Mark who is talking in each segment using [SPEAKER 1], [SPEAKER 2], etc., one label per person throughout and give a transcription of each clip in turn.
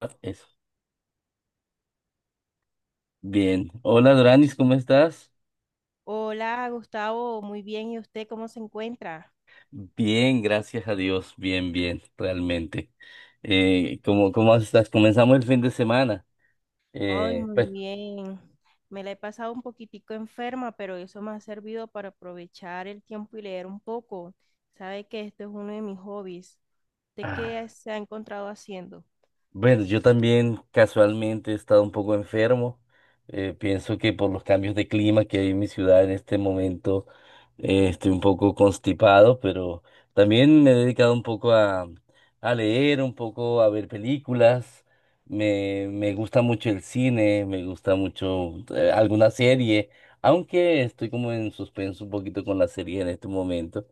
[SPEAKER 1] Ah, eso. Bien. Hola Doranis, ¿cómo estás?
[SPEAKER 2] Hola, Gustavo, muy bien. ¿Y usted cómo se encuentra?
[SPEAKER 1] Bien, gracias a Dios. Bien, bien, realmente. ¿Cómo estás? Comenzamos el fin de semana.
[SPEAKER 2] Ay, muy
[SPEAKER 1] Pues,
[SPEAKER 2] bien. Me la he pasado un poquitico enferma, pero eso me ha servido para aprovechar el tiempo y leer un poco. Sabe que esto es uno de mis hobbies. ¿De
[SPEAKER 1] ah,
[SPEAKER 2] qué se ha encontrado haciendo?
[SPEAKER 1] bueno, yo también casualmente he estado un poco enfermo. Pienso que por los cambios de clima que hay en mi ciudad en este momento, estoy un poco constipado, pero también me he dedicado un poco a leer, un poco a ver películas. Me gusta mucho el cine, me gusta mucho alguna serie, aunque estoy como en suspenso un poquito con la serie en este momento,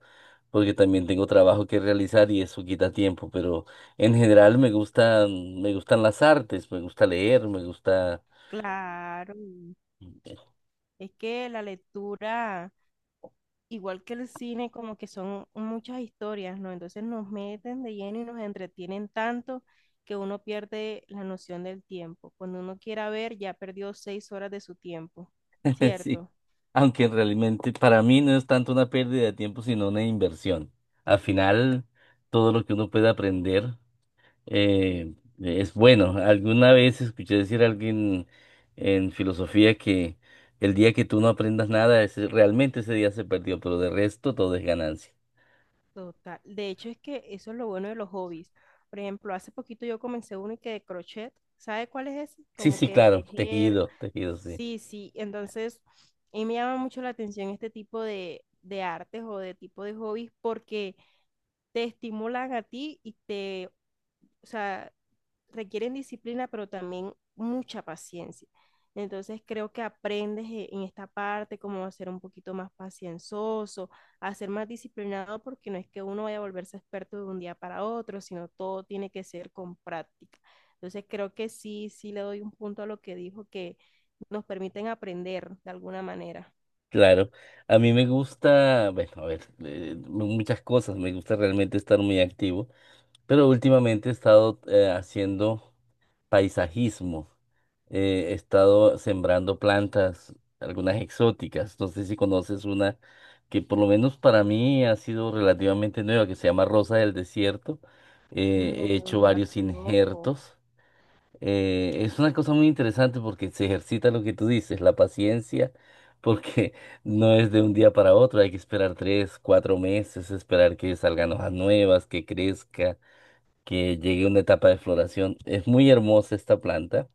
[SPEAKER 1] porque también tengo trabajo que realizar y eso quita tiempo, pero... En general me gustan las artes, me gusta leer, me gusta,
[SPEAKER 2] Claro, es que la lectura igual que el cine, como que son muchas historias, ¿no? Entonces nos meten de lleno y nos entretienen tanto que uno pierde la noción del tiempo. Cuando uno quiera ver, ya perdió 6 horas de su tiempo,
[SPEAKER 1] sí,
[SPEAKER 2] ¿cierto?
[SPEAKER 1] aunque realmente para mí no es tanto una pérdida de tiempo, sino una inversión. Al final, todo lo que uno puede aprender eh, es bueno. Alguna vez escuché decir a alguien en filosofía que el día que tú no aprendas nada, realmente ese día se perdió, pero de resto todo es ganancia.
[SPEAKER 2] Total. De hecho, es que eso es lo bueno de los hobbies. Por ejemplo, hace poquito yo comencé uno y que de crochet. ¿Sabe cuál es ese?
[SPEAKER 1] Sí,
[SPEAKER 2] Como
[SPEAKER 1] sí,
[SPEAKER 2] que
[SPEAKER 1] claro,
[SPEAKER 2] tejer.
[SPEAKER 1] tejido, tejido, sí.
[SPEAKER 2] Sí, sí. Entonces, y me llama mucho la atención este tipo de artes o de tipo de hobbies porque te estimulan a ti y te o sea, requieren disciplina, pero también mucha paciencia. Entonces creo que aprendes en esta parte cómo ser un poquito más pacienzoso, a ser más disciplinado, porque no es que uno vaya a volverse experto de un día para otro, sino todo tiene que ser con práctica. Entonces creo que sí, sí le doy un punto a lo que dijo, que nos permiten aprender de alguna manera.
[SPEAKER 1] Claro, a mí me gusta, bueno, a ver, muchas cosas, me gusta realmente estar muy activo, pero últimamente he estado haciendo paisajismo, he estado sembrando plantas, algunas exóticas, no sé si conoces una que por lo menos para mí ha sido relativamente nueva, que se llama Rosa del Desierto, he
[SPEAKER 2] No, no
[SPEAKER 1] hecho
[SPEAKER 2] la
[SPEAKER 1] varios
[SPEAKER 2] conozco.
[SPEAKER 1] injertos. Es una cosa muy interesante porque se ejercita lo que tú dices, la paciencia, porque no es de un día para otro, hay que esperar 3, 4 meses, esperar que salgan hojas nuevas, que crezca, que llegue una etapa de floración. Es muy hermosa esta planta,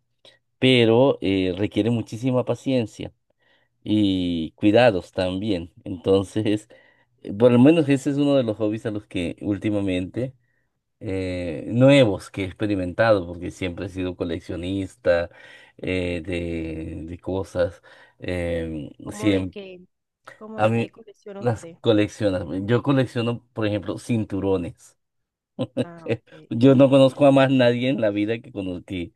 [SPEAKER 1] pero requiere muchísima paciencia y cuidados también. Entonces, por lo menos ese es uno de los hobbies a los que últimamente nuevos que he experimentado, porque siempre he sido coleccionista de cosas.
[SPEAKER 2] ¿Cómo de
[SPEAKER 1] Siempre,
[SPEAKER 2] qué? ¿Cómo
[SPEAKER 1] a
[SPEAKER 2] de qué
[SPEAKER 1] mí
[SPEAKER 2] colecciona
[SPEAKER 1] las
[SPEAKER 2] usted?
[SPEAKER 1] coleccionas. Yo colecciono, por ejemplo, cinturones.
[SPEAKER 2] Ah, ok.
[SPEAKER 1] Yo no conozco a más nadie en la vida que, cono- que,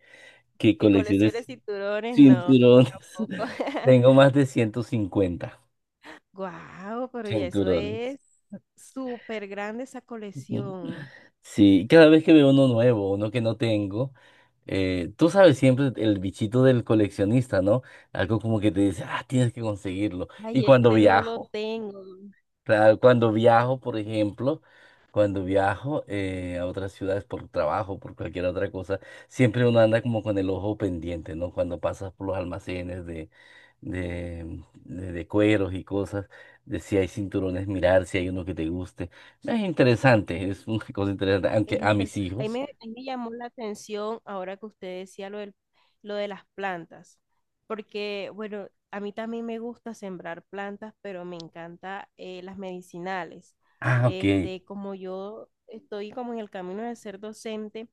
[SPEAKER 1] que
[SPEAKER 2] Que
[SPEAKER 1] coleccione
[SPEAKER 2] coleccione cinturones, no, no,
[SPEAKER 1] cinturones.
[SPEAKER 2] tampoco.
[SPEAKER 1] Tengo más de 150
[SPEAKER 2] Guau, pero ya eso
[SPEAKER 1] cinturones.
[SPEAKER 2] es súper grande esa colección.
[SPEAKER 1] Sí, cada vez que veo uno nuevo, uno que no tengo, tú sabes siempre el bichito del coleccionista, ¿no? Algo como que te dice, ah, tienes que conseguirlo. Y
[SPEAKER 2] Ay,
[SPEAKER 1] cuando
[SPEAKER 2] este no lo
[SPEAKER 1] viajo,
[SPEAKER 2] tengo.
[SPEAKER 1] claro, cuando viajo, por ejemplo, cuando viajo a otras ciudades por trabajo, por cualquier otra cosa, siempre uno anda como con el ojo pendiente, ¿no? Cuando pasas por los almacenes de cueros y cosas, de si hay cinturones, mirar si hay uno que te guste. Es interesante, es una cosa interesante,
[SPEAKER 2] Es
[SPEAKER 1] aunque a mis
[SPEAKER 2] interesante.
[SPEAKER 1] hijos,
[SPEAKER 2] Ahí me llamó la atención ahora que usted decía lo de las plantas, porque bueno, a mí también me gusta sembrar plantas, pero me encanta las medicinales.
[SPEAKER 1] ah, ok,
[SPEAKER 2] Este, como yo estoy como en el camino de ser docente,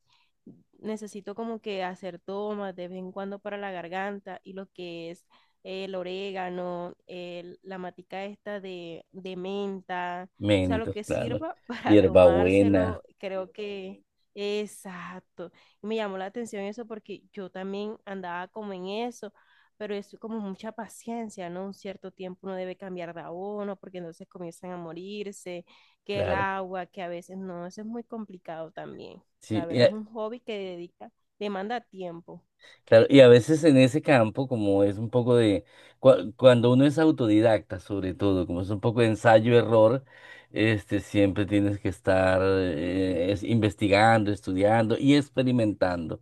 [SPEAKER 2] necesito como que hacer tomas de vez en cuando para la garganta y lo que es el orégano, la matica esta de menta o sea, lo
[SPEAKER 1] mentos,
[SPEAKER 2] que
[SPEAKER 1] claro,
[SPEAKER 2] sirva para
[SPEAKER 1] hierbabuena,
[SPEAKER 2] tomárselo, creo que... Exacto. Y me llamó la atención eso porque yo también andaba como en eso, pero es como mucha paciencia, ¿no? Un cierto tiempo uno debe cambiar de abono porque entonces comienzan a morirse, que el
[SPEAKER 1] claro.
[SPEAKER 2] agua, que a veces no, eso es muy complicado también.
[SPEAKER 1] Sí,
[SPEAKER 2] La verdad es un hobby que dedica, demanda tiempo.
[SPEAKER 1] Claro, y a veces en ese campo, como es un poco de, cuando uno es autodidacta sobre todo, como es un poco de ensayo-error, este, siempre tienes que estar investigando, estudiando y experimentando.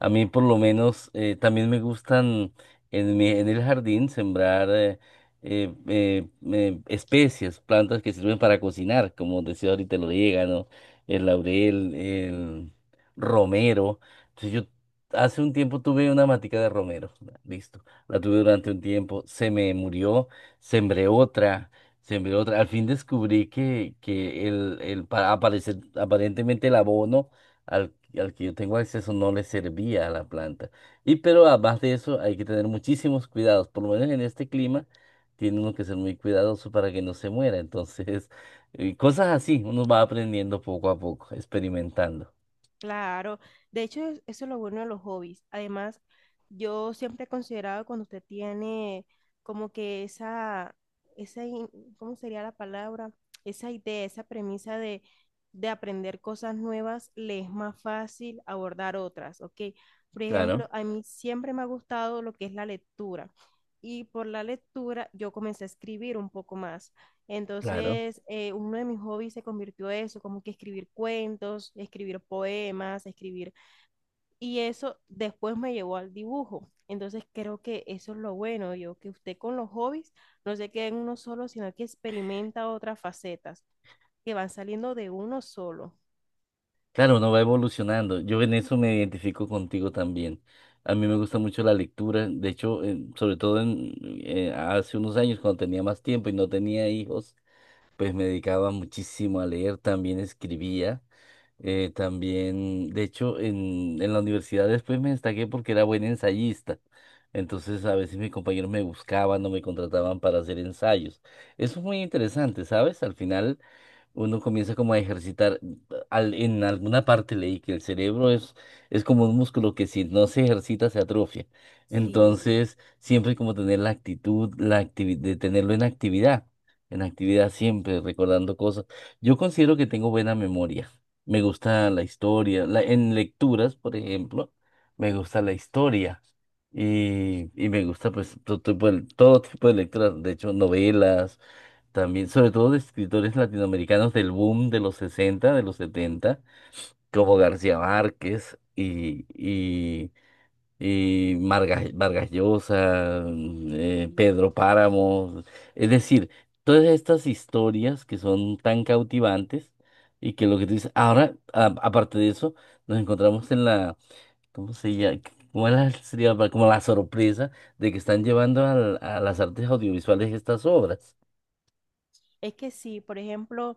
[SPEAKER 1] A mí por lo menos también me gustan en en el jardín sembrar especies, plantas que sirven para cocinar, como decía ahorita el orégano, el laurel, el romero. Entonces, Yo hace un tiempo tuve una matica de romero, ya, listo. La tuve durante un tiempo, se me murió, sembré otra, sembré otra. Al fin descubrí que el aparentemente el abono al, al que yo tengo acceso no le servía a la planta. Y pero además de eso hay que tener muchísimos cuidados, por lo menos en este clima tiene uno que ser muy cuidadoso para que no se muera. Entonces, cosas así, uno va aprendiendo poco a poco, experimentando.
[SPEAKER 2] Claro, de hecho eso es lo bueno de los hobbies. Además, yo siempre he considerado cuando usted tiene como que esa, esa, in- ¿cómo sería la palabra? Esa idea, esa premisa de aprender cosas nuevas, le es más fácil abordar otras, ¿ok? Por ejemplo,
[SPEAKER 1] Claro,
[SPEAKER 2] a mí siempre me ha gustado lo que es la lectura y por la lectura yo comencé a escribir un poco más.
[SPEAKER 1] claro.
[SPEAKER 2] Entonces, uno de mis hobbies se convirtió en eso, como que escribir cuentos, escribir poemas, escribir. Y eso después me llevó al dibujo. Entonces, creo que eso es lo bueno, yo, que usted con los hobbies no se queda en uno solo, sino que experimenta otras facetas que van saliendo de uno solo.
[SPEAKER 1] Claro, uno va evolucionando. Yo en eso me identifico contigo también. A mí me gusta mucho la lectura. De hecho, sobre todo hace unos años, cuando tenía más tiempo y no tenía hijos, pues me dedicaba muchísimo a leer. También escribía. También, de hecho, en la universidad después me destaqué porque era buen ensayista. Entonces, a veces mis compañeros me buscaban o me contrataban para hacer ensayos. Eso es muy interesante, ¿sabes? Al final, uno comienza como a ejercitar. En alguna parte leí que el cerebro es como un músculo que si no se ejercita se atrofia.
[SPEAKER 2] Sí,
[SPEAKER 1] Entonces, siempre como tener la actitud, de tenerlo en actividad siempre, recordando cosas. Yo considero que tengo buena memoria. Me gusta la historia. En lecturas, por ejemplo, me gusta la historia. Y me gusta pues todo tipo de lecturas. De hecho, novelas también, sobre todo de escritores latinoamericanos del boom de los 60 de los 70 como García Márquez y, Vargas Llosa,
[SPEAKER 2] sí.
[SPEAKER 1] Pedro Páramo, es decir, todas estas historias que son tan cautivantes y que lo que tú dices, ahora, aparte de eso, nos encontramos en la, ¿cómo se llama? ¿ Sería como la sorpresa de que están llevando a las artes audiovisuales estas obras.
[SPEAKER 2] Es que sí, por ejemplo,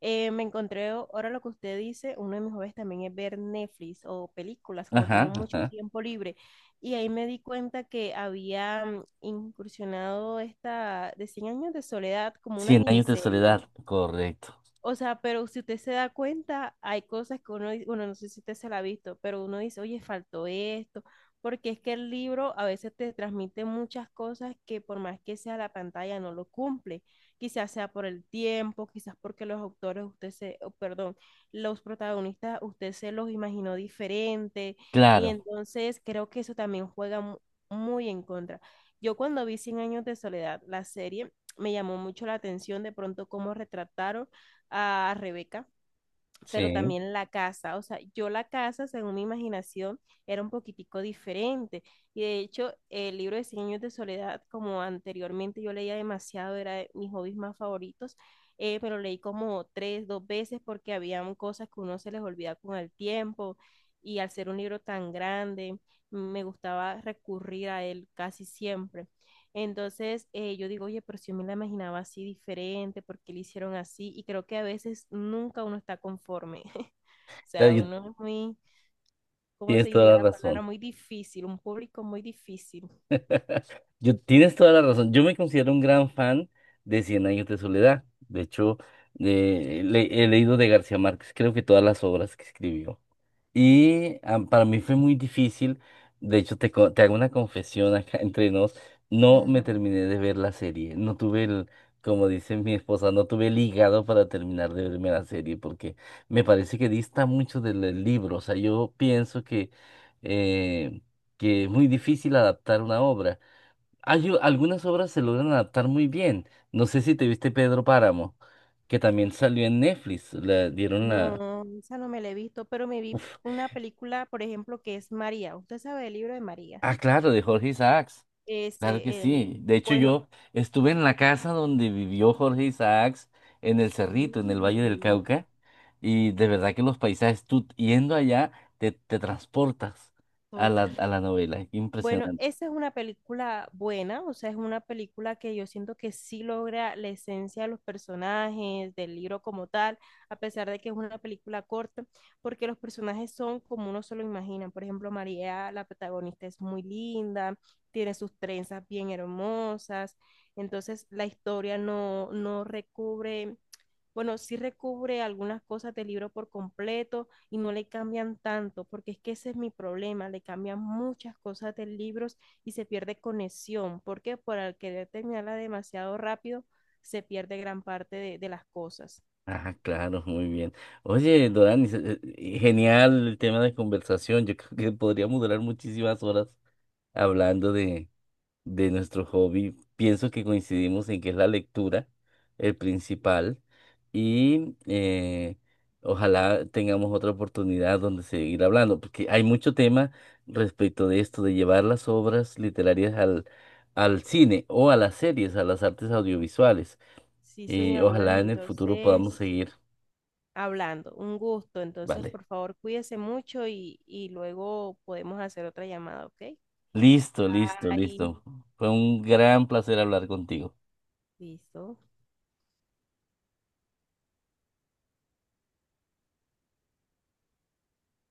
[SPEAKER 2] eh, me encontré, ahora lo que usted dice, uno de mis hobbies también es ver Netflix o películas cuando tengo
[SPEAKER 1] Ajá,
[SPEAKER 2] mucho
[SPEAKER 1] ajá.
[SPEAKER 2] tiempo libre. Y ahí me di cuenta que había incursionado esta de Cien años de soledad como una
[SPEAKER 1] Cien años de
[SPEAKER 2] miniserie.
[SPEAKER 1] soledad, correcto.
[SPEAKER 2] O sea, pero si usted se da cuenta, hay cosas que uno, bueno, no sé si usted se la ha visto, pero uno dice, oye, faltó esto, porque es que el libro a veces te transmite muchas cosas que por más que sea la pantalla no lo cumple. Quizás sea por el tiempo, quizás porque los autores, perdón, los protagonistas, usted se los imaginó diferente, y
[SPEAKER 1] Claro,
[SPEAKER 2] entonces creo que eso también juega muy en contra. Yo cuando vi Cien años de soledad, la serie, me llamó mucho la atención de pronto cómo retrataron a Rebeca, pero
[SPEAKER 1] sí,
[SPEAKER 2] también la casa. O sea, yo la casa, según mi imaginación, era un poquitico diferente. Y de hecho, el libro de 100 años de soledad, como anteriormente yo leía demasiado, era de mis hobbies más favoritos, pero leí como tres, dos veces porque habían cosas que uno se les olvida con el tiempo. Y al ser un libro tan grande, me gustaba recurrir a él casi siempre. Entonces, yo digo, oye, pero si yo me la imaginaba así diferente, ¿por qué le hicieron así? Y creo que a veces nunca uno está conforme. O
[SPEAKER 1] claro,
[SPEAKER 2] sea, uno es muy, ¿cómo se
[SPEAKER 1] tienes
[SPEAKER 2] diría
[SPEAKER 1] toda la
[SPEAKER 2] la palabra?
[SPEAKER 1] razón.
[SPEAKER 2] Muy difícil, un público muy difícil.
[SPEAKER 1] Yo, tienes toda la razón. Yo me considero un gran fan de Cien Años de Soledad. De hecho, he leído de García Márquez, creo que todas las obras que escribió. Y ah, para mí fue muy difícil. De hecho, te hago una confesión acá entre nos. No me
[SPEAKER 2] Ajá.
[SPEAKER 1] terminé de ver la serie. No tuve como dice mi esposa, no tuve el hígado para terminar de verme la serie porque me parece que dista mucho del libro. O sea, yo pienso eh, que es muy difícil adaptar una obra. Hay algunas obras se logran adaptar muy bien. No sé si te viste Pedro Páramo, que también salió en Netflix. Le dieron la...
[SPEAKER 2] No, esa no me la he visto, pero me vi
[SPEAKER 1] Uf.
[SPEAKER 2] una película, por ejemplo, que es María. ¿Usted sabe el libro de María?
[SPEAKER 1] Ah, claro, de Jorge Isaacs. Claro que
[SPEAKER 2] Ese, el,
[SPEAKER 1] sí. De hecho,
[SPEAKER 2] bueno,
[SPEAKER 1] yo estuve en la casa donde vivió Jorge Isaacs, en el Cerrito, en el
[SPEAKER 2] sí,
[SPEAKER 1] Valle del Cauca, y de verdad que los paisajes, tú yendo allá, te transportas a
[SPEAKER 2] total.
[SPEAKER 1] a la novela.
[SPEAKER 2] Bueno,
[SPEAKER 1] Impresionante.
[SPEAKER 2] esa es una película buena, o sea, es una película que yo siento que sí logra la esencia de los personajes, del libro como tal, a pesar de que es una película corta, porque los personajes son como uno se lo imagina. Por ejemplo, María, la protagonista, es muy linda, tiene sus trenzas bien hermosas, entonces la historia no, no recubre bueno, sí recubre algunas cosas del libro por completo y no le cambian tanto, porque es que ese es mi problema, le cambian muchas cosas del libro y se pierde conexión, porque por al querer terminarla demasiado rápido, se pierde gran parte de las cosas.
[SPEAKER 1] Ah, claro, muy bien. Oye, Dorani, genial el tema de conversación. Yo creo que podríamos durar muchísimas horas hablando de nuestro hobby. Pienso que coincidimos en que es la lectura el principal y ojalá tengamos otra oportunidad donde seguir hablando, porque hay mucho tema respecto de esto, de llevar las obras literarias al cine o a las series, a las artes audiovisuales.
[SPEAKER 2] Sí,
[SPEAKER 1] Y
[SPEAKER 2] señor,
[SPEAKER 1] ojalá
[SPEAKER 2] bueno,
[SPEAKER 1] en el futuro podamos
[SPEAKER 2] entonces,
[SPEAKER 1] seguir.
[SPEAKER 2] hablando, un gusto, entonces,
[SPEAKER 1] Vale.
[SPEAKER 2] por favor, cuídese mucho y luego podemos hacer otra llamada, ¿ok?
[SPEAKER 1] Listo, listo,
[SPEAKER 2] Ahí,
[SPEAKER 1] listo. Fue un gran placer hablar contigo.
[SPEAKER 2] listo.